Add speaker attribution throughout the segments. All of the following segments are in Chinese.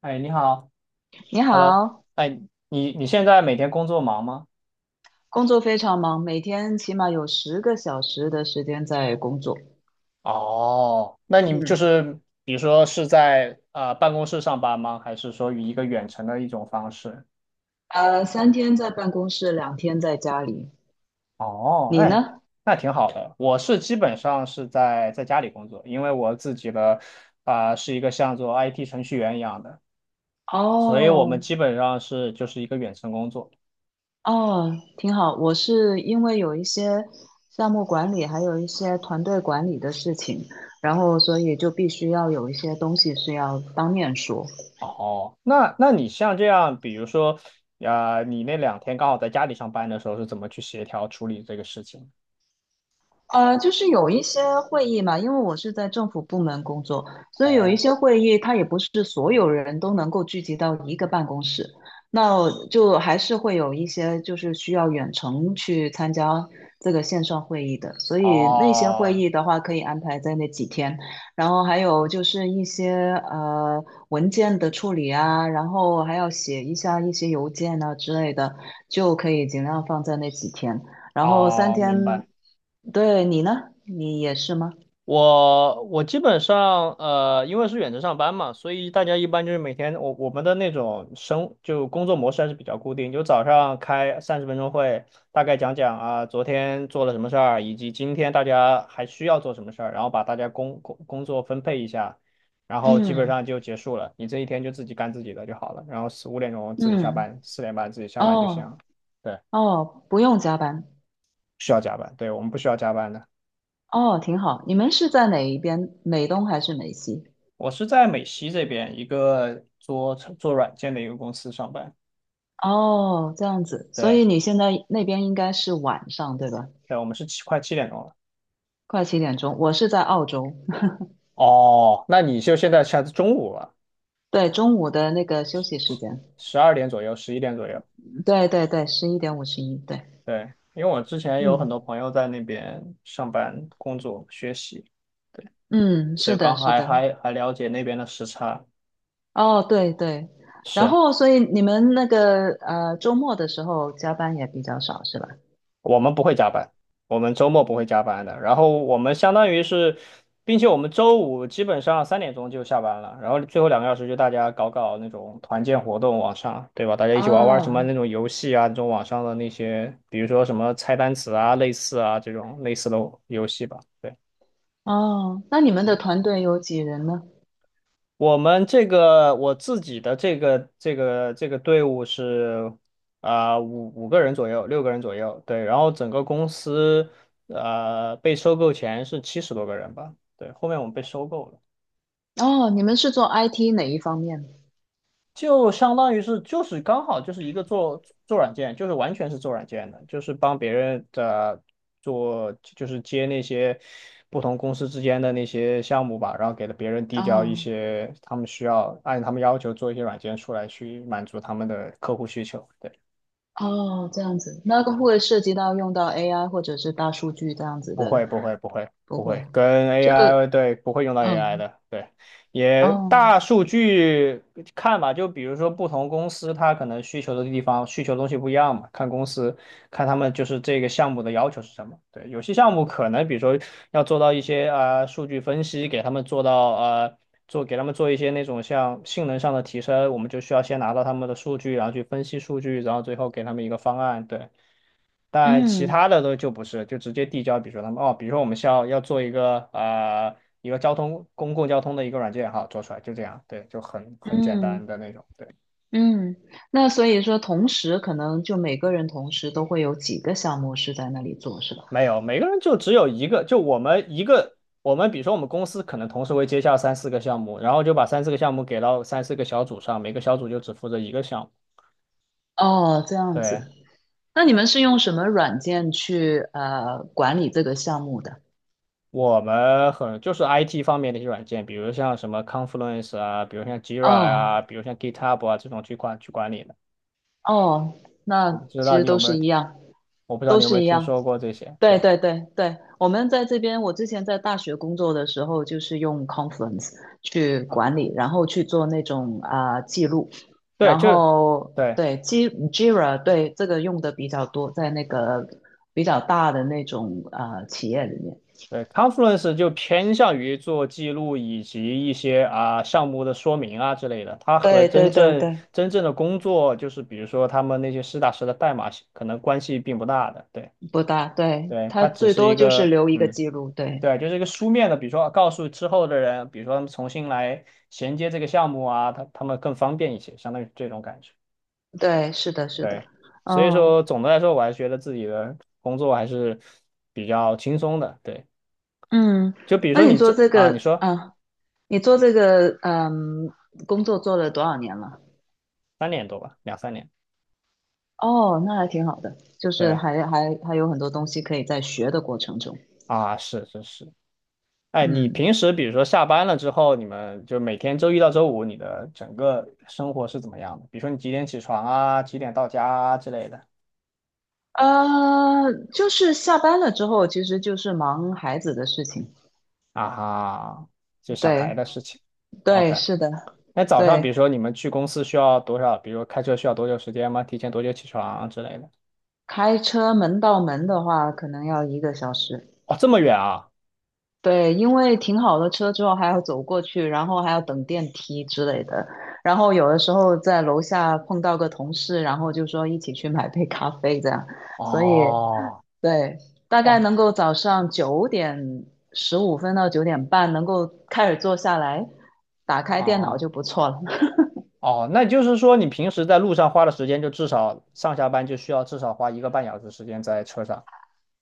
Speaker 1: 哎，你好。
Speaker 2: 你
Speaker 1: Hello，
Speaker 2: 好，
Speaker 1: 哎，你现在每天工作忙吗？
Speaker 2: 工作非常忙，每天起码有十个小时的时间在工作。
Speaker 1: 哦，那你就
Speaker 2: 嗯，
Speaker 1: 是比如说是在办公室上班吗？还是说以一个远程的一种方式？
Speaker 2: 三天在办公室，2天在家里。
Speaker 1: 哦，
Speaker 2: 你
Speaker 1: 哎，
Speaker 2: 呢？
Speaker 1: 那挺好的。我是基本上是在家里工作，因为我自己的是一个像做 IT 程序员一样的，所以我们
Speaker 2: 哦
Speaker 1: 基本上是就是一个远程工作。
Speaker 2: 哦，挺好。我是因为有一些项目管理，还有一些团队管理的事情，然后所以就必须要有一些东西是要当面说。
Speaker 1: 哦，那你像这样，比如说，你那两天刚好在家里上班的时候，是怎么去协调处理这个事情？
Speaker 2: 就是有一些会议嘛，因为我是在政府部门工作，所以有一
Speaker 1: 哦，
Speaker 2: 些会议，它也不是所有人都能够聚集到一个办公室，那就还是会有一些就是需要远程去参加这个线上会议的，所以那些会
Speaker 1: 哦，
Speaker 2: 议的话可以安排在那几天，然后还有就是一些文件的处理啊，然后还要写一下一些邮件啊之类的，就可以尽量放在那几天。然后三
Speaker 1: 哦，明
Speaker 2: 天。
Speaker 1: 白。
Speaker 2: 对你呢？你也是吗？
Speaker 1: 我基本上因为是远程上班嘛，所以大家一般就是每天我们的那种就工作模式还是比较固定，就早上开30分钟会，大概讲讲啊昨天做了什么事儿，以及今天大家还需要做什么事儿，然后把大家工作分配一下，然后基本
Speaker 2: 嗯
Speaker 1: 上就结束了，你这一天就自己干自己的就好了，然后四五点钟自己下
Speaker 2: 嗯，
Speaker 1: 班，4点半自己下班就行
Speaker 2: 哦
Speaker 1: 了，对，不
Speaker 2: 哦，不用加班，
Speaker 1: 需要加班，对我们不需要加班的。
Speaker 2: 哦，挺好。你们是在哪一边？美东还是美西？
Speaker 1: 我是在美西这边一个做做软件的一个公司上班。
Speaker 2: 哦，这样子，所
Speaker 1: 对，
Speaker 2: 以你现在那边应该是晚上，对吧？
Speaker 1: 对，我们是快7点钟了。
Speaker 2: 快七点钟，我是在澳洲，
Speaker 1: 哦，那你就现在中午了，
Speaker 2: 对，中午的那个休息时间，
Speaker 1: 12点左右，11点左右。
Speaker 2: 对对对，11:51，对，
Speaker 1: 对，因为我之前有很
Speaker 2: 嗯
Speaker 1: 多朋友在那边上班、工作、学习，对，
Speaker 2: 嗯，
Speaker 1: 所以
Speaker 2: 是
Speaker 1: 刚
Speaker 2: 的，
Speaker 1: 好
Speaker 2: 是
Speaker 1: 还
Speaker 2: 的，
Speaker 1: 还还了解那边的时差。
Speaker 2: 哦，对对，然
Speaker 1: 是。
Speaker 2: 后所以你们那个周末的时候加班也比较少，是吧？
Speaker 1: 我们不会加班，我们周末不会加班的。然后我们相当于是，并且我们周五基本上3点钟就下班了，然后最后两个小时就大家搞搞那种团建活动，网上，对吧？大家一起玩玩什么
Speaker 2: 哦，
Speaker 1: 那种游戏啊，那种网上的那些，比如说什么猜单词啊、类似啊这种类似的游戏吧。对。
Speaker 2: 哦，那你们的团队有几人呢？
Speaker 1: 我们这个我自己的这个队伍是五个人左右，6个人左右，对。然后整个公司被收购前是70多个人吧，对。后面我们被收购了。
Speaker 2: 哦，你们是做 IT 哪一方面？
Speaker 1: 就相当于是就是刚好就是一个做做软件，就是完全是做软件的，就是帮别人的做，就是接那些不同公司之间的那些项目吧，然后给了别人递交一
Speaker 2: 哦
Speaker 1: 些他们需要按他们要求做一些软件出来去满足他们的客户需求。对。
Speaker 2: 哦，这样子，那个会涉及到用到 AI 或者是大数据这样子
Speaker 1: 不
Speaker 2: 的，
Speaker 1: 会，不会，不会，
Speaker 2: 不
Speaker 1: 不
Speaker 2: 会，
Speaker 1: 会，跟
Speaker 2: 就
Speaker 1: AI 对，不会用到 AI
Speaker 2: 嗯
Speaker 1: 的，对，也
Speaker 2: 哦
Speaker 1: 大数据看吧，就比如说不同公司它可能需求的地方需求的东西不一样嘛，看公司看他们就是这个项目的要求是什么，对，有些项目可能比如说要做到一些数据分析，给他们做到做给他们做一些那种像性能上的提升，我们就需要先拿到他们的数据，然后去分析数据，然后最后给他们一个方案，对。但其
Speaker 2: 嗯
Speaker 1: 他的都就不是，就直接递交。比如说他们哦，比如说我们需要要做一个公共交通的一个软件，哈，做出来就这样，对，就很简
Speaker 2: 嗯
Speaker 1: 单的那种。对，
Speaker 2: 嗯，那所以说，同时可能就每个人同时都会有几个项目是在那里做，是吧？
Speaker 1: 没有，每个人就只有一个，就我们一个，我们比如说我们公司可能同时会接下三四个项目，然后就把三四个项目给到三四个小组上，每个小组就只负责一个项目。
Speaker 2: 哦，这样
Speaker 1: 对，
Speaker 2: 子，那你们是用什么软件去管理这个项目的？
Speaker 1: 我们很就是 IT 方面的一些软件，比如像什么 Confluence 啊，比如像 Jira 啊，
Speaker 2: 哦
Speaker 1: 比如像 GitHub 啊这种去管理的。
Speaker 2: 哦，
Speaker 1: 我不
Speaker 2: 那
Speaker 1: 知
Speaker 2: 其
Speaker 1: 道
Speaker 2: 实
Speaker 1: 你有
Speaker 2: 都
Speaker 1: 没
Speaker 2: 是
Speaker 1: 有
Speaker 2: 一样，
Speaker 1: 我不知道
Speaker 2: 都
Speaker 1: 你有没
Speaker 2: 是
Speaker 1: 有
Speaker 2: 一
Speaker 1: 听
Speaker 2: 样。
Speaker 1: 说过这些。
Speaker 2: 对
Speaker 1: 对
Speaker 2: 对对对，我们在这边，我之前在大学工作的时候，就是用 Confluence 去
Speaker 1: 啊，
Speaker 2: 管理，然后去做那种啊、记录，
Speaker 1: 对，
Speaker 2: 然
Speaker 1: 就
Speaker 2: 后
Speaker 1: 对
Speaker 2: 对 G Jira 对这个用的比较多，在那个比较大的那种啊企业里面。
Speaker 1: 对 Conference 就偏向于做记录以及一些啊项目的说明啊之类的。它和
Speaker 2: 对
Speaker 1: 真
Speaker 2: 对对
Speaker 1: 正
Speaker 2: 对，
Speaker 1: 真正的工作，就是比如说他们那些实打实的代码，可能关系并不大的。对
Speaker 2: 不大，对，
Speaker 1: 对，
Speaker 2: 它
Speaker 1: 它只
Speaker 2: 最
Speaker 1: 是
Speaker 2: 多
Speaker 1: 一
Speaker 2: 就是
Speaker 1: 个
Speaker 2: 留一个
Speaker 1: 嗯。
Speaker 2: 记录。对
Speaker 1: 对，就是一个书面的，比如说告诉之后的人，比如说他们重新来衔接这个项目啊，他们更方便一些，相当于这种感觉。
Speaker 2: 对，是的，是的。
Speaker 1: 对，所以
Speaker 2: 哦，
Speaker 1: 说总的来说，我还是觉得自己的工作还是比较轻松的。对，
Speaker 2: 嗯，
Speaker 1: 就比如
Speaker 2: 那
Speaker 1: 说
Speaker 2: 你
Speaker 1: 你
Speaker 2: 做
Speaker 1: 这
Speaker 2: 这
Speaker 1: 啊，你
Speaker 2: 个，
Speaker 1: 说
Speaker 2: 啊？你做这个工作做了多少年了？
Speaker 1: 3年多吧，两三年。
Speaker 2: 哦，那还挺好的，就是
Speaker 1: 对
Speaker 2: 还有很多东西可以在学的过程中。
Speaker 1: 啊，是是是。哎，你
Speaker 2: 嗯，
Speaker 1: 平时比如说下班了之后，你们就每天周一到周五，你的整个生活是怎么样的？比如说你几点起床啊，几点到家啊之类的
Speaker 2: 就是下班了之后，其实就是忙孩子的事情。
Speaker 1: 啊哈，就小孩
Speaker 2: 对
Speaker 1: 的事情。
Speaker 2: 对，
Speaker 1: OK，
Speaker 2: 是的，
Speaker 1: 那早上比
Speaker 2: 对。
Speaker 1: 如说你们去公司需要多少？比如说开车需要多久时间吗？提前多久起床啊之类的？
Speaker 2: 开车门到门的话，可能要一个小时。
Speaker 1: 哦，这么远啊！
Speaker 2: 对，因为停好了车之后还要走过去，然后还要等电梯之类的。然后有的时候在楼下碰到个同事，然后就说一起去买杯咖啡这样。所以
Speaker 1: 哦，
Speaker 2: 对，大
Speaker 1: 哇，
Speaker 2: 概能够早上9:15到9:30能够开始坐下来，打开电脑
Speaker 1: 哦，
Speaker 2: 就不错了。
Speaker 1: 哦，那就是说你平时在路上花的时间，就至少上下班就需要至少花1个半小时时间在车上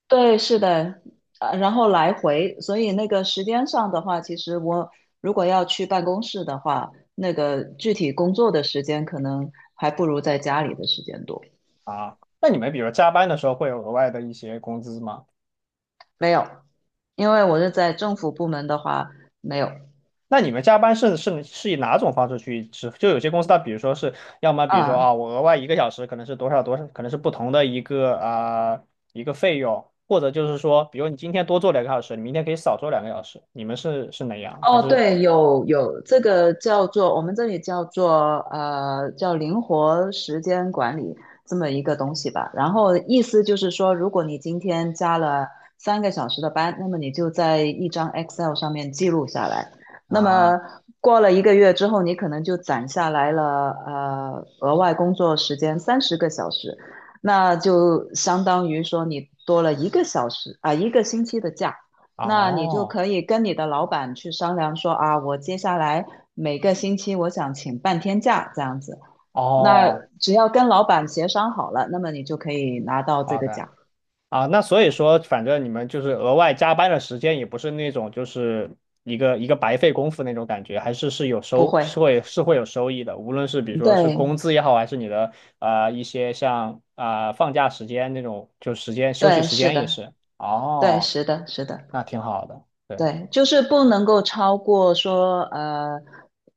Speaker 2: 对，是的，然后来回，所以那个时间上的话，其实我如果要去办公室的话，那个具体工作的时间可能还不如在家里的时间多。
Speaker 1: 啊。那你们比如加班的时候会有额外的一些工资吗？
Speaker 2: 没有，因为我是在政府部门的话，没有
Speaker 1: 那你们加班是以哪种方式去支付？就有些公司它比如说是要么比如说
Speaker 2: 啊，
Speaker 1: 啊，我额外1个小时可能是多少多少，可能是不同的一个费用，或者就是说，比如你今天多做两个小时，你明天可以少做两个小时，你们是哪样？还
Speaker 2: 哦，
Speaker 1: 是
Speaker 2: 对，有这个叫做我们这里叫做叫灵活时间管理这么一个东西吧。然后意思就是说，如果你今天加了3个小时的班，那么你就在一张 Excel 上面记录下来。那么
Speaker 1: 啊？
Speaker 2: 过了1个月之后，你可能就攒下来了额外工作时间30个小时，那就相当于说你多了一个小时啊、1个星期的假。那你就
Speaker 1: 哦
Speaker 2: 可以跟你的老板去商量说啊，我接下来每个星期我想请半天假这样子。那
Speaker 1: 哦
Speaker 2: 只要跟老板协商好了，那么你就可以拿到这个
Speaker 1: ，OK
Speaker 2: 奖。
Speaker 1: 啊，那所以说，反正你们就是额外加班的时间，也不是那种就是一个一个白费功夫那种感觉，还是有
Speaker 2: 不
Speaker 1: 收，
Speaker 2: 会，
Speaker 1: 是
Speaker 2: 嗯
Speaker 1: 会是会有收益的，无论是比如说是
Speaker 2: 对
Speaker 1: 工资也好，还是你的一些像放假时间那种，就时间休息
Speaker 2: 对，
Speaker 1: 时
Speaker 2: 是
Speaker 1: 间也
Speaker 2: 的，
Speaker 1: 是。
Speaker 2: 对，
Speaker 1: 哦，
Speaker 2: 是的，是的。
Speaker 1: 那挺好的，对
Speaker 2: 对，就是不能够超过说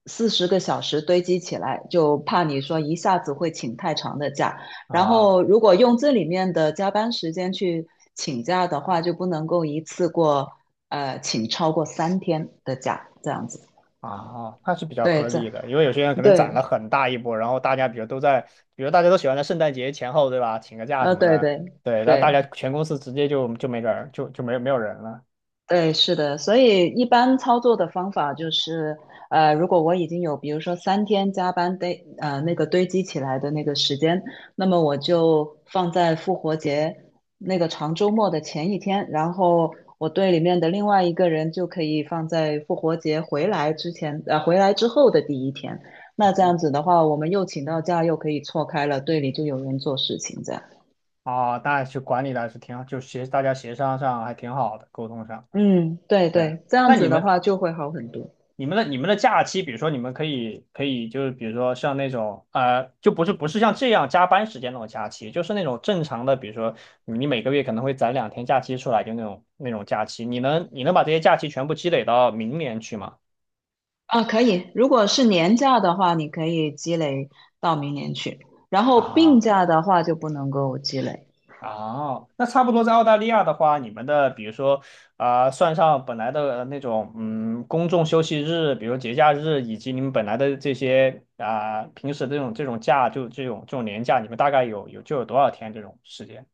Speaker 2: 40个小时堆积起来，就怕你说一下子会请太长的假。然
Speaker 1: 啊。
Speaker 2: 后如果用这里面的加班时间去请假的话，就不能够一次过请超过三天的假，这样子。
Speaker 1: 啊，那是比较
Speaker 2: 对，
Speaker 1: 合
Speaker 2: 这
Speaker 1: 理的，因为有些人可能攒
Speaker 2: 对，
Speaker 1: 了很大一波，然后大家比如都在，比如大家都喜欢在圣诞节前后，对吧？请个假什么
Speaker 2: 对
Speaker 1: 的，
Speaker 2: 对
Speaker 1: 对，然后大
Speaker 2: 对。
Speaker 1: 家全公司直接就没人儿，就没有人了。
Speaker 2: 对，是的，所以一般操作的方法就是，如果我已经有，比如说三天加班堆，那个堆积起来的那个时间，那么我就放在复活节那个长周末的前一天，然后我队里面的另外一个人就可以放在复活节回来之前，回来之后的第一天。那这样
Speaker 1: 哦，
Speaker 2: 子的话，我们又请到假，又可以错开了，队里就有人做事情，这样。
Speaker 1: 啊，那去管理的还是挺好，就大家协商上还挺好的，沟通上。
Speaker 2: 嗯，对
Speaker 1: 对，
Speaker 2: 对，这样
Speaker 1: 那你
Speaker 2: 子的
Speaker 1: 们
Speaker 2: 话就会好很多。
Speaker 1: 你们的你们的假期，比如说你们可以就是比如说像那种，就不是像这样加班时间那种假期，就是那种正常的，比如说你每个月可能会攒两天假期出来，就那种假期，你能把这些假期全部积累到明年去吗？
Speaker 2: 啊，可以。如果是年假的话，你可以积累到明年去，然后病
Speaker 1: 啊。
Speaker 2: 假的话就不能够积累。
Speaker 1: 哦，那差不多在澳大利亚的话，你们的比如说算上本来的那种公众休息日，比如节假日，以及你们本来的这些平时的这种假，就这种年假，你们大概有多少天这种时间？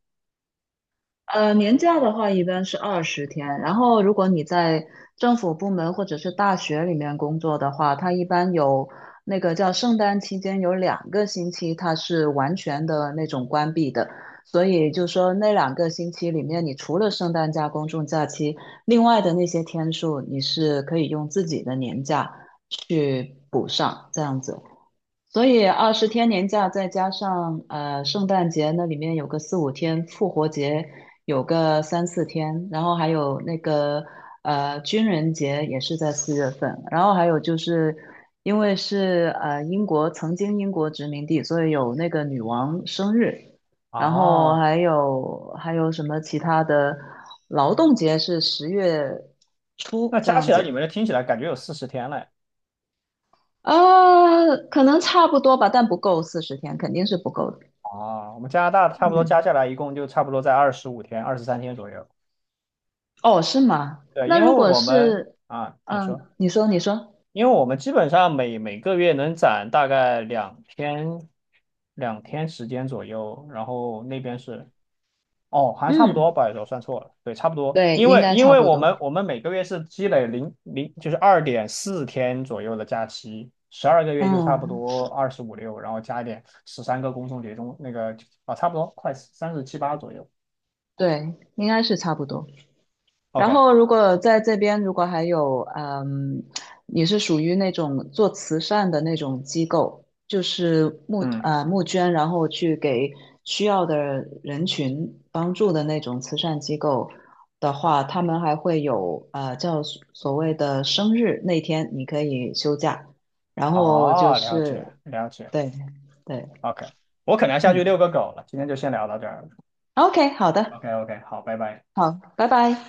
Speaker 2: 年假的话一般是二十天，然后如果你在政府部门或者是大学里面工作的话，它一般有那个叫圣诞期间有两个星期，它是完全的那种关闭的，所以就说那两个星期里面，你除了圣诞假、公众假期，另外的那些天数，你是可以用自己的年假去补上，这样子。所以二十天年假，再加上圣诞节那里面有个4、5天，复活节有个3、4天，然后还有那个军人节也是在4月份，然后还有就是因为是英国曾经英国殖民地，所以有那个女王生日，然后
Speaker 1: 哦，
Speaker 2: 还有什么其他的劳动节是10月初
Speaker 1: 那
Speaker 2: 这
Speaker 1: 加
Speaker 2: 样
Speaker 1: 起来你
Speaker 2: 子。
Speaker 1: 们这听起来感觉有40天嘞。
Speaker 2: 可能差不多吧，但不够40天，肯定是不够的。
Speaker 1: 哦，我们加拿大差不多加
Speaker 2: 嗯，
Speaker 1: 下来一共就差不多在25天、23天左右。
Speaker 2: 哦，是吗？
Speaker 1: 对，
Speaker 2: 那
Speaker 1: 因为
Speaker 2: 如果
Speaker 1: 我们
Speaker 2: 是，
Speaker 1: 啊，你
Speaker 2: 嗯，
Speaker 1: 说。
Speaker 2: 你说，你说，
Speaker 1: 因为我们基本上每个月能攒大概两天，两天时间左右，然后那边是，哦，好像差不
Speaker 2: 嗯，
Speaker 1: 多，不好意思，我算错了，对，差不多，
Speaker 2: 对，
Speaker 1: 因
Speaker 2: 应
Speaker 1: 为
Speaker 2: 该
Speaker 1: 因
Speaker 2: 差
Speaker 1: 为
Speaker 2: 不
Speaker 1: 我
Speaker 2: 多，
Speaker 1: 们我们每个月是积累就是2.4天左右的假期，12个月就差不
Speaker 2: 嗯，
Speaker 1: 多二十五六，然后加一点13个公众节中那个差不多快三十七八左右
Speaker 2: 对，应该是差不多。然
Speaker 1: ，OK，
Speaker 2: 后，如果在这边，如果还有，嗯，你是属于那种做慈善的那种机构，就是
Speaker 1: 嗯，
Speaker 2: 募捐，然后去给需要的人群帮助的那种慈善机构的话，他们还会有叫所谓的生日那天你可以休假，然后就
Speaker 1: 哦，了解
Speaker 2: 是
Speaker 1: 了解
Speaker 2: 对对，
Speaker 1: ，OK，我可能要下
Speaker 2: 嗯
Speaker 1: 去遛个狗了，今天就先聊到这儿。
Speaker 2: ，OK，好
Speaker 1: OK
Speaker 2: 的，
Speaker 1: OK，好，拜拜。
Speaker 2: 好，拜拜。